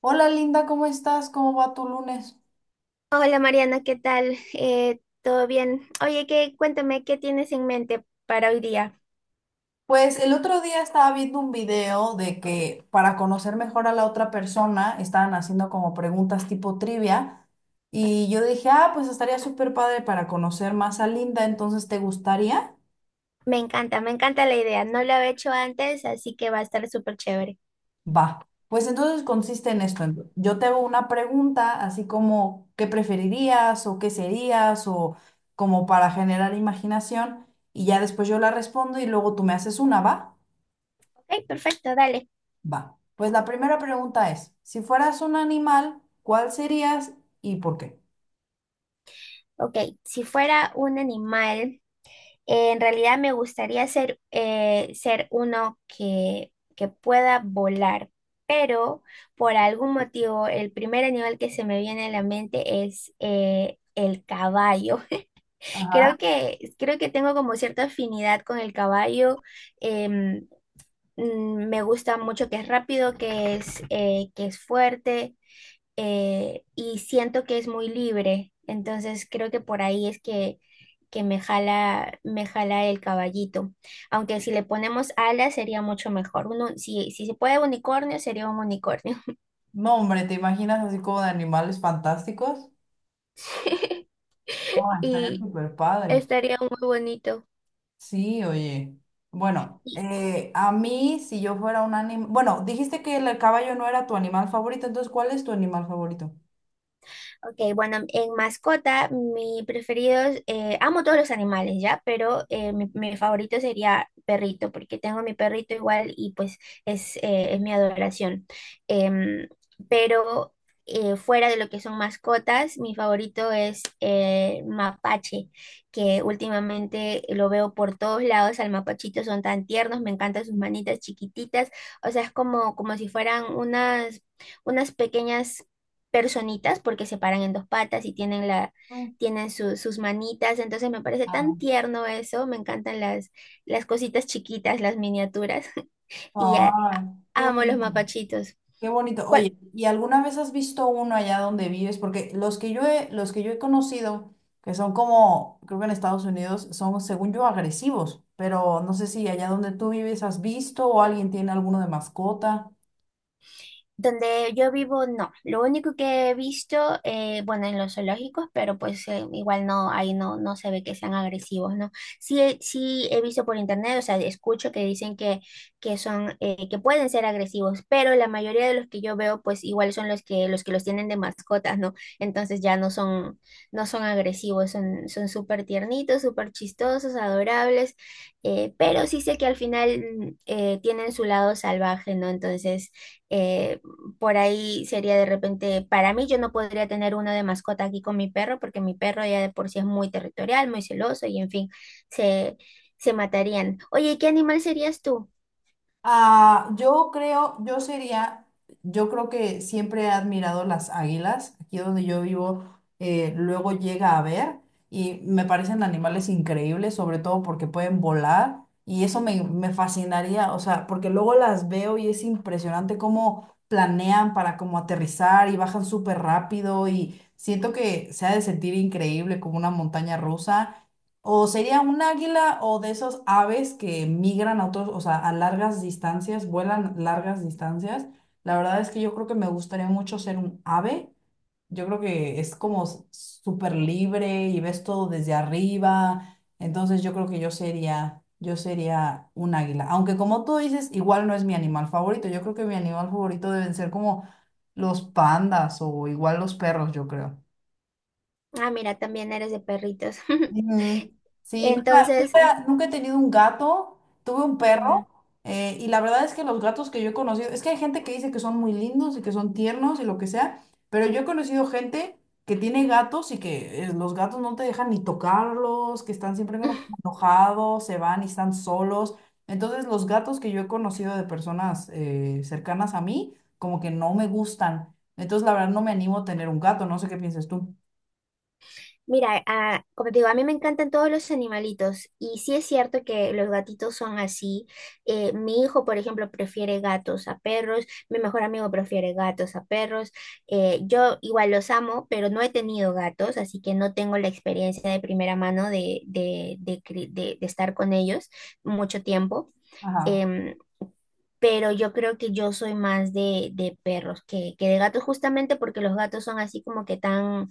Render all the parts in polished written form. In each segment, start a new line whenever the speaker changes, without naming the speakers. Hola Linda, ¿cómo estás? ¿Cómo va tu lunes?
Hola Mariana, ¿qué tal? ¿Todo bien? Oye, que cuéntame qué tienes en mente para hoy día.
Pues el otro día estaba viendo un video de que para conocer mejor a la otra persona estaban haciendo como preguntas tipo trivia y yo dije, ah, pues estaría súper padre para conocer más a Linda, entonces ¿te gustaría?
Me encanta la idea. No lo he hecho antes, así que va a estar súper chévere.
Va. Pues entonces consiste en esto. Yo te hago una pregunta así como ¿qué preferirías o qué serías o como para generar imaginación, y ya después yo la respondo y luego tú me haces una, ¿va?
Ok, perfecto, dale.
Va. Pues la primera pregunta es, si fueras un animal, ¿cuál serías y por qué?
Ok, si fuera un animal, en realidad me gustaría ser, ser uno que pueda volar, pero por algún motivo el primer animal que se me viene a la mente es el caballo. Creo
Ajá.
que, creo que tengo como cierta afinidad con el caballo. em, Me gusta mucho que es rápido, que es fuerte y siento que es muy libre. Entonces creo que por ahí es que me jala el caballito. Aunque si le ponemos alas sería mucho mejor. Uno, si se puede unicornio, sería un unicornio.
No, hombre, ¿te imaginas así como de animales fantásticos? Oh, estaría
Y
súper padre.
estaría muy bonito.
Sí, oye. Bueno, a mí, si yo fuera un animal... Bueno, dijiste que el caballo no era tu animal favorito, entonces, ¿cuál es tu animal favorito?
Ok, bueno, en mascota, mi preferido, es, amo todos los animales, ¿ya? Pero mi favorito sería perrito, porque tengo a mi perrito igual y pues es mi adoración. Em, pero fuera de lo que son mascotas, mi favorito es mapache, que últimamente lo veo por todos lados, al mapachito son tan tiernos, me encantan sus manitas chiquititas, o sea, es como, como si fueran unas pequeñas personitas porque se paran en dos patas y tienen
Mm.
tienen sus manitas, entonces me parece
Ah,
tan tierno eso, me encantan las cositas chiquitas, las miniaturas y a-
ay, qué
amo los
bonito.
mapachitos.
Qué bonito.
¿Cuál,
Oye, ¿y alguna vez has visto uno allá donde vives? Porque los que yo he conocido, que son como, creo que en Estados Unidos, son, según yo, agresivos. Pero no sé si allá donde tú vives has visto o alguien tiene alguno de mascota.
Donde yo vivo, no. Lo único que he visto, bueno, en los zoológicos, pero pues igual no, ahí no, no se ve que sean agresivos, ¿no? Sí, sí he visto por internet, o sea, escucho que dicen que son, que pueden ser agresivos, pero la mayoría de los que yo veo, pues igual son los que, los que los tienen de mascotas, ¿no? Entonces ya no son, no son agresivos, son, son súper tiernitos, súper chistosos, adorables, pero sí sé que al final tienen su lado salvaje, ¿no? Entonces eh, por ahí sería de repente, para mí yo no podría tener uno de mascota aquí con mi perro porque mi perro ya de por sí es muy territorial, muy celoso y en fin, se, se matarían. Oye, ¿y ¿qué animal serías tú?
Ah, yo sería, yo creo que siempre he admirado las águilas. Aquí donde yo vivo, luego llega a ver y me parecen animales increíbles, sobre todo porque pueden volar y eso me fascinaría, o sea, porque luego las veo y es impresionante cómo planean para como aterrizar y bajan súper rápido y siento que se ha de sentir increíble como una montaña rusa. O sería un águila o de esos aves que migran a otros, o sea, a largas distancias, vuelan largas distancias. La verdad es que yo creo que me gustaría mucho ser un ave. Yo creo que es como súper libre y ves todo desde arriba. Entonces yo creo que yo sería un águila. Aunque como tú dices, igual no es mi animal favorito. Yo creo que mi animal favorito deben ser como los pandas o igual los perros, yo creo.
Ah, mira, también eres de perritos.
Ujú. Sí,
Entonces,
nunca he tenido un gato, tuve un
mm,
perro. Eh, y la verdad es que los gatos que yo he conocido, es que hay gente que dice que son muy lindos y que son tiernos y lo que sea, pero yo he conocido gente que tiene gatos y que los gatos no te dejan ni tocarlos, que están siempre como enojados, se van y están solos. Entonces los gatos que yo he conocido de personas cercanas a mí, como que no me gustan. Entonces la verdad no me animo a tener un gato, no sé qué piensas tú.
Mira, como te digo, a mí me encantan todos los animalitos y sí es cierto que los gatitos son así. Mi hijo, por ejemplo, prefiere gatos a perros, mi mejor amigo prefiere gatos a perros. Yo igual los amo, pero no he tenido gatos, así que no tengo la experiencia de primera mano de estar con ellos mucho tiempo.
Ajá,
Em, pero yo creo que yo soy más de perros que de gatos, justamente porque los gatos son así como que tan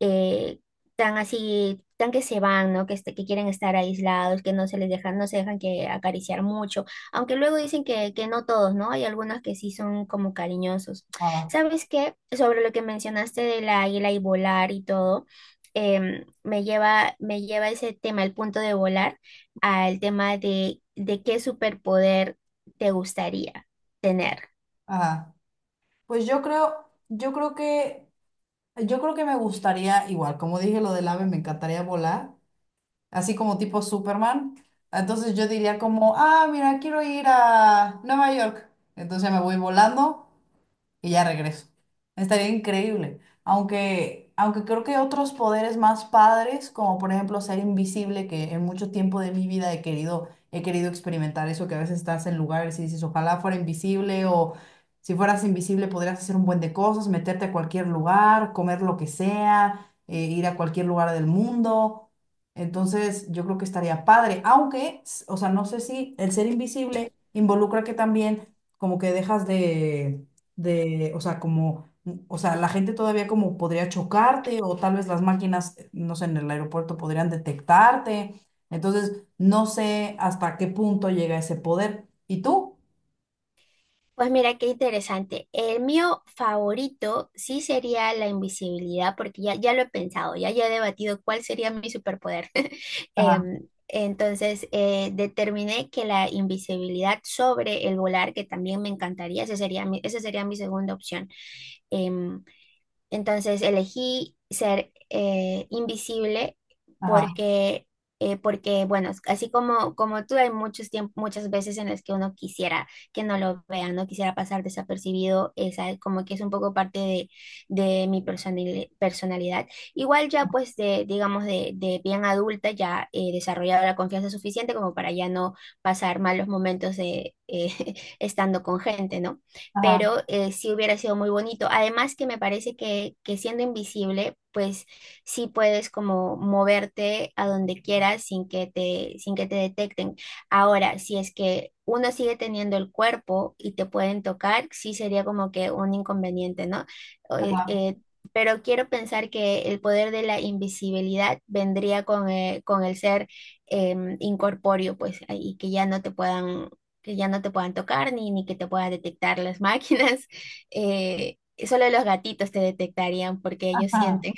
eh, tan así, tan que se van, ¿no? Que quieren estar aislados, que no se les dejan, no se dejan que acariciar mucho, aunque luego dicen que no todos, ¿no? Hay algunos que sí son como cariñosos.
ajá,
¿Sabes qué? Sobre lo que mencionaste de la águila y volar y todo, me lleva ese tema, el punto de volar, al tema de qué superpoder te gustaría tener.
ajá. Pues yo creo que me gustaría, igual, como dije lo del ave, me encantaría volar, así como tipo Superman. Entonces yo diría como, ah, mira, quiero ir a Nueva York. Entonces me voy volando y ya regreso. Estaría increíble. Aunque creo que hay otros poderes más padres, como por ejemplo ser invisible, que en mucho tiempo de mi vida he querido experimentar eso, que a veces estás en lugares y dices, ojalá fuera invisible, o si fueras invisible podrías hacer un buen de cosas, meterte a cualquier lugar, comer lo que sea, ir a cualquier lugar del mundo. Entonces, yo creo que estaría padre, aunque, o sea, no sé si el ser invisible involucra que también como que o sea, como, o sea, la gente todavía como podría chocarte o tal vez las máquinas, no sé, en el aeropuerto podrían detectarte. Entonces, no sé hasta qué punto llega ese poder. ¿Y tú?
Pues mira qué interesante. El mío favorito sí sería la invisibilidad, porque ya, ya lo he pensado, ya, ya he debatido cuál sería mi superpoder.
Ajá,
Entonces, determiné que la invisibilidad sobre el volar, que también me encantaría, ese sería esa sería mi segunda opción. Em, entonces elegí ser invisible
ajá,
porque, porque, bueno, así como, como tú, hay muchas veces en las que uno quisiera que no lo vean, no quisiera pasar desapercibido, esa como que es un poco parte de, de mi personalidad. Igual ya pues de, digamos, de bien adulta, ya he desarrollado la confianza suficiente como para ya no pasar malos momentos de, estando con gente, ¿no?
ajá,
Pero sí hubiera sido muy bonito. Además que me parece que siendo invisible, pues sí puedes como moverte a donde quieras sin que te, sin que te detecten. Ahora, si es que uno sigue teniendo el cuerpo y te pueden tocar, sí sería como que un inconveniente, ¿no? Eh,
ajá,
eh, pero quiero pensar que el poder de la invisibilidad vendría con el ser incorpóreo, pues, y que ya no te puedan que ya no te puedan tocar ni, ni que te puedan detectar las máquinas. Eh, solo los gatitos te detectarían porque ellos
ajá,
sienten.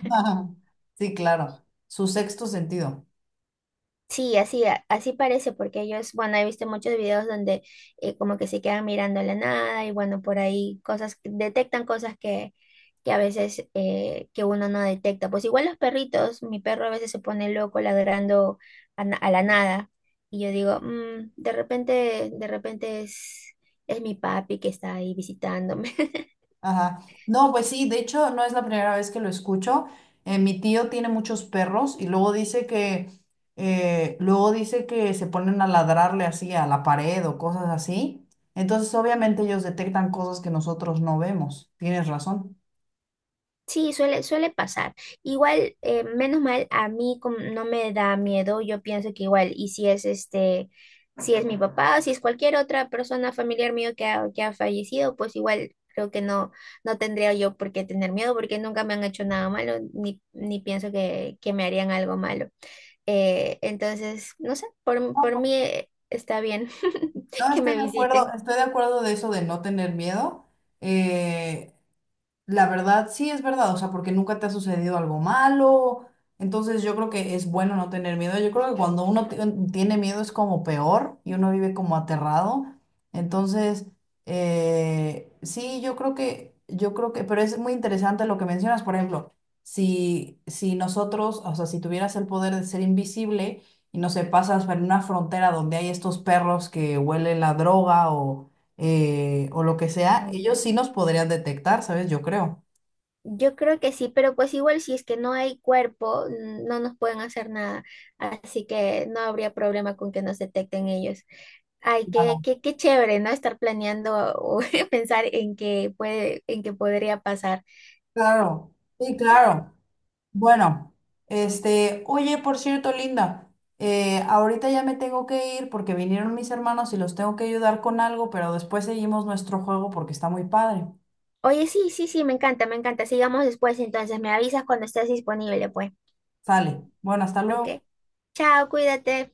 ajá. Sí, claro. Su sexto sentido.
Sí, así, así parece, porque ellos, bueno, he visto muchos videos donde como que se quedan mirando a la nada y bueno, por ahí cosas, detectan cosas que a veces que uno no detecta. Pues igual los perritos, mi perro a veces se pone loco ladrando a, a la nada y yo digo, "Mm, de repente es mi papi que está ahí visitándome."
Ajá. No, pues sí, de hecho no es la primera vez que lo escucho. Mi tío tiene muchos perros y luego dice que se ponen a ladrarle así a la pared o cosas así. Entonces, obviamente ellos detectan cosas que nosotros no vemos. Tienes razón.
Sí, suele, suele pasar. Igual, menos mal, a mí como no me da miedo. Yo pienso que igual, y si es este, si es mi papá, si es cualquier otra persona familiar mío que ha fallecido, pues igual creo que no, no tendría yo por qué tener miedo, porque nunca me han hecho nada malo, ni, ni pienso que me harían algo malo. Entonces, no sé, por mí está bien
No,
que me visiten.
estoy de acuerdo de eso de no tener miedo. Eh, La verdad, sí es verdad, o sea, porque nunca te ha sucedido algo malo, entonces yo creo que es bueno no tener miedo. Yo creo que cuando tiene miedo es como peor y uno vive como aterrado. Entonces, sí, pero es muy interesante lo que mencionas, por ejemplo, si nosotros, o sea, si tuvieras el poder de ser invisible y no sé, pasas por una frontera donde hay estos perros que huelen la droga, o lo que sea, ellos sí nos podrían detectar, ¿sabes? Yo creo.
Yo creo que sí, pero pues igual si es que no hay cuerpo, no nos pueden hacer nada, así que no habría problema con que nos detecten ellos. Ay, qué,
Claro.
qué, qué chévere, ¿no? Estar planeando o pensar en qué puede, en qué podría pasar.
Claro, sí, claro. Bueno, este, oye, por cierto, Linda, ahorita ya me tengo que ir porque vinieron mis hermanos y los tengo que ayudar con algo, pero después seguimos nuestro juego porque está muy padre.
Oye, sí, sí, sí, me encanta, me encanta. Sigamos después, entonces me avisas cuando estés disponible, pues.
Sale. Bueno, hasta
Ok.
luego.
Chao, cuídate.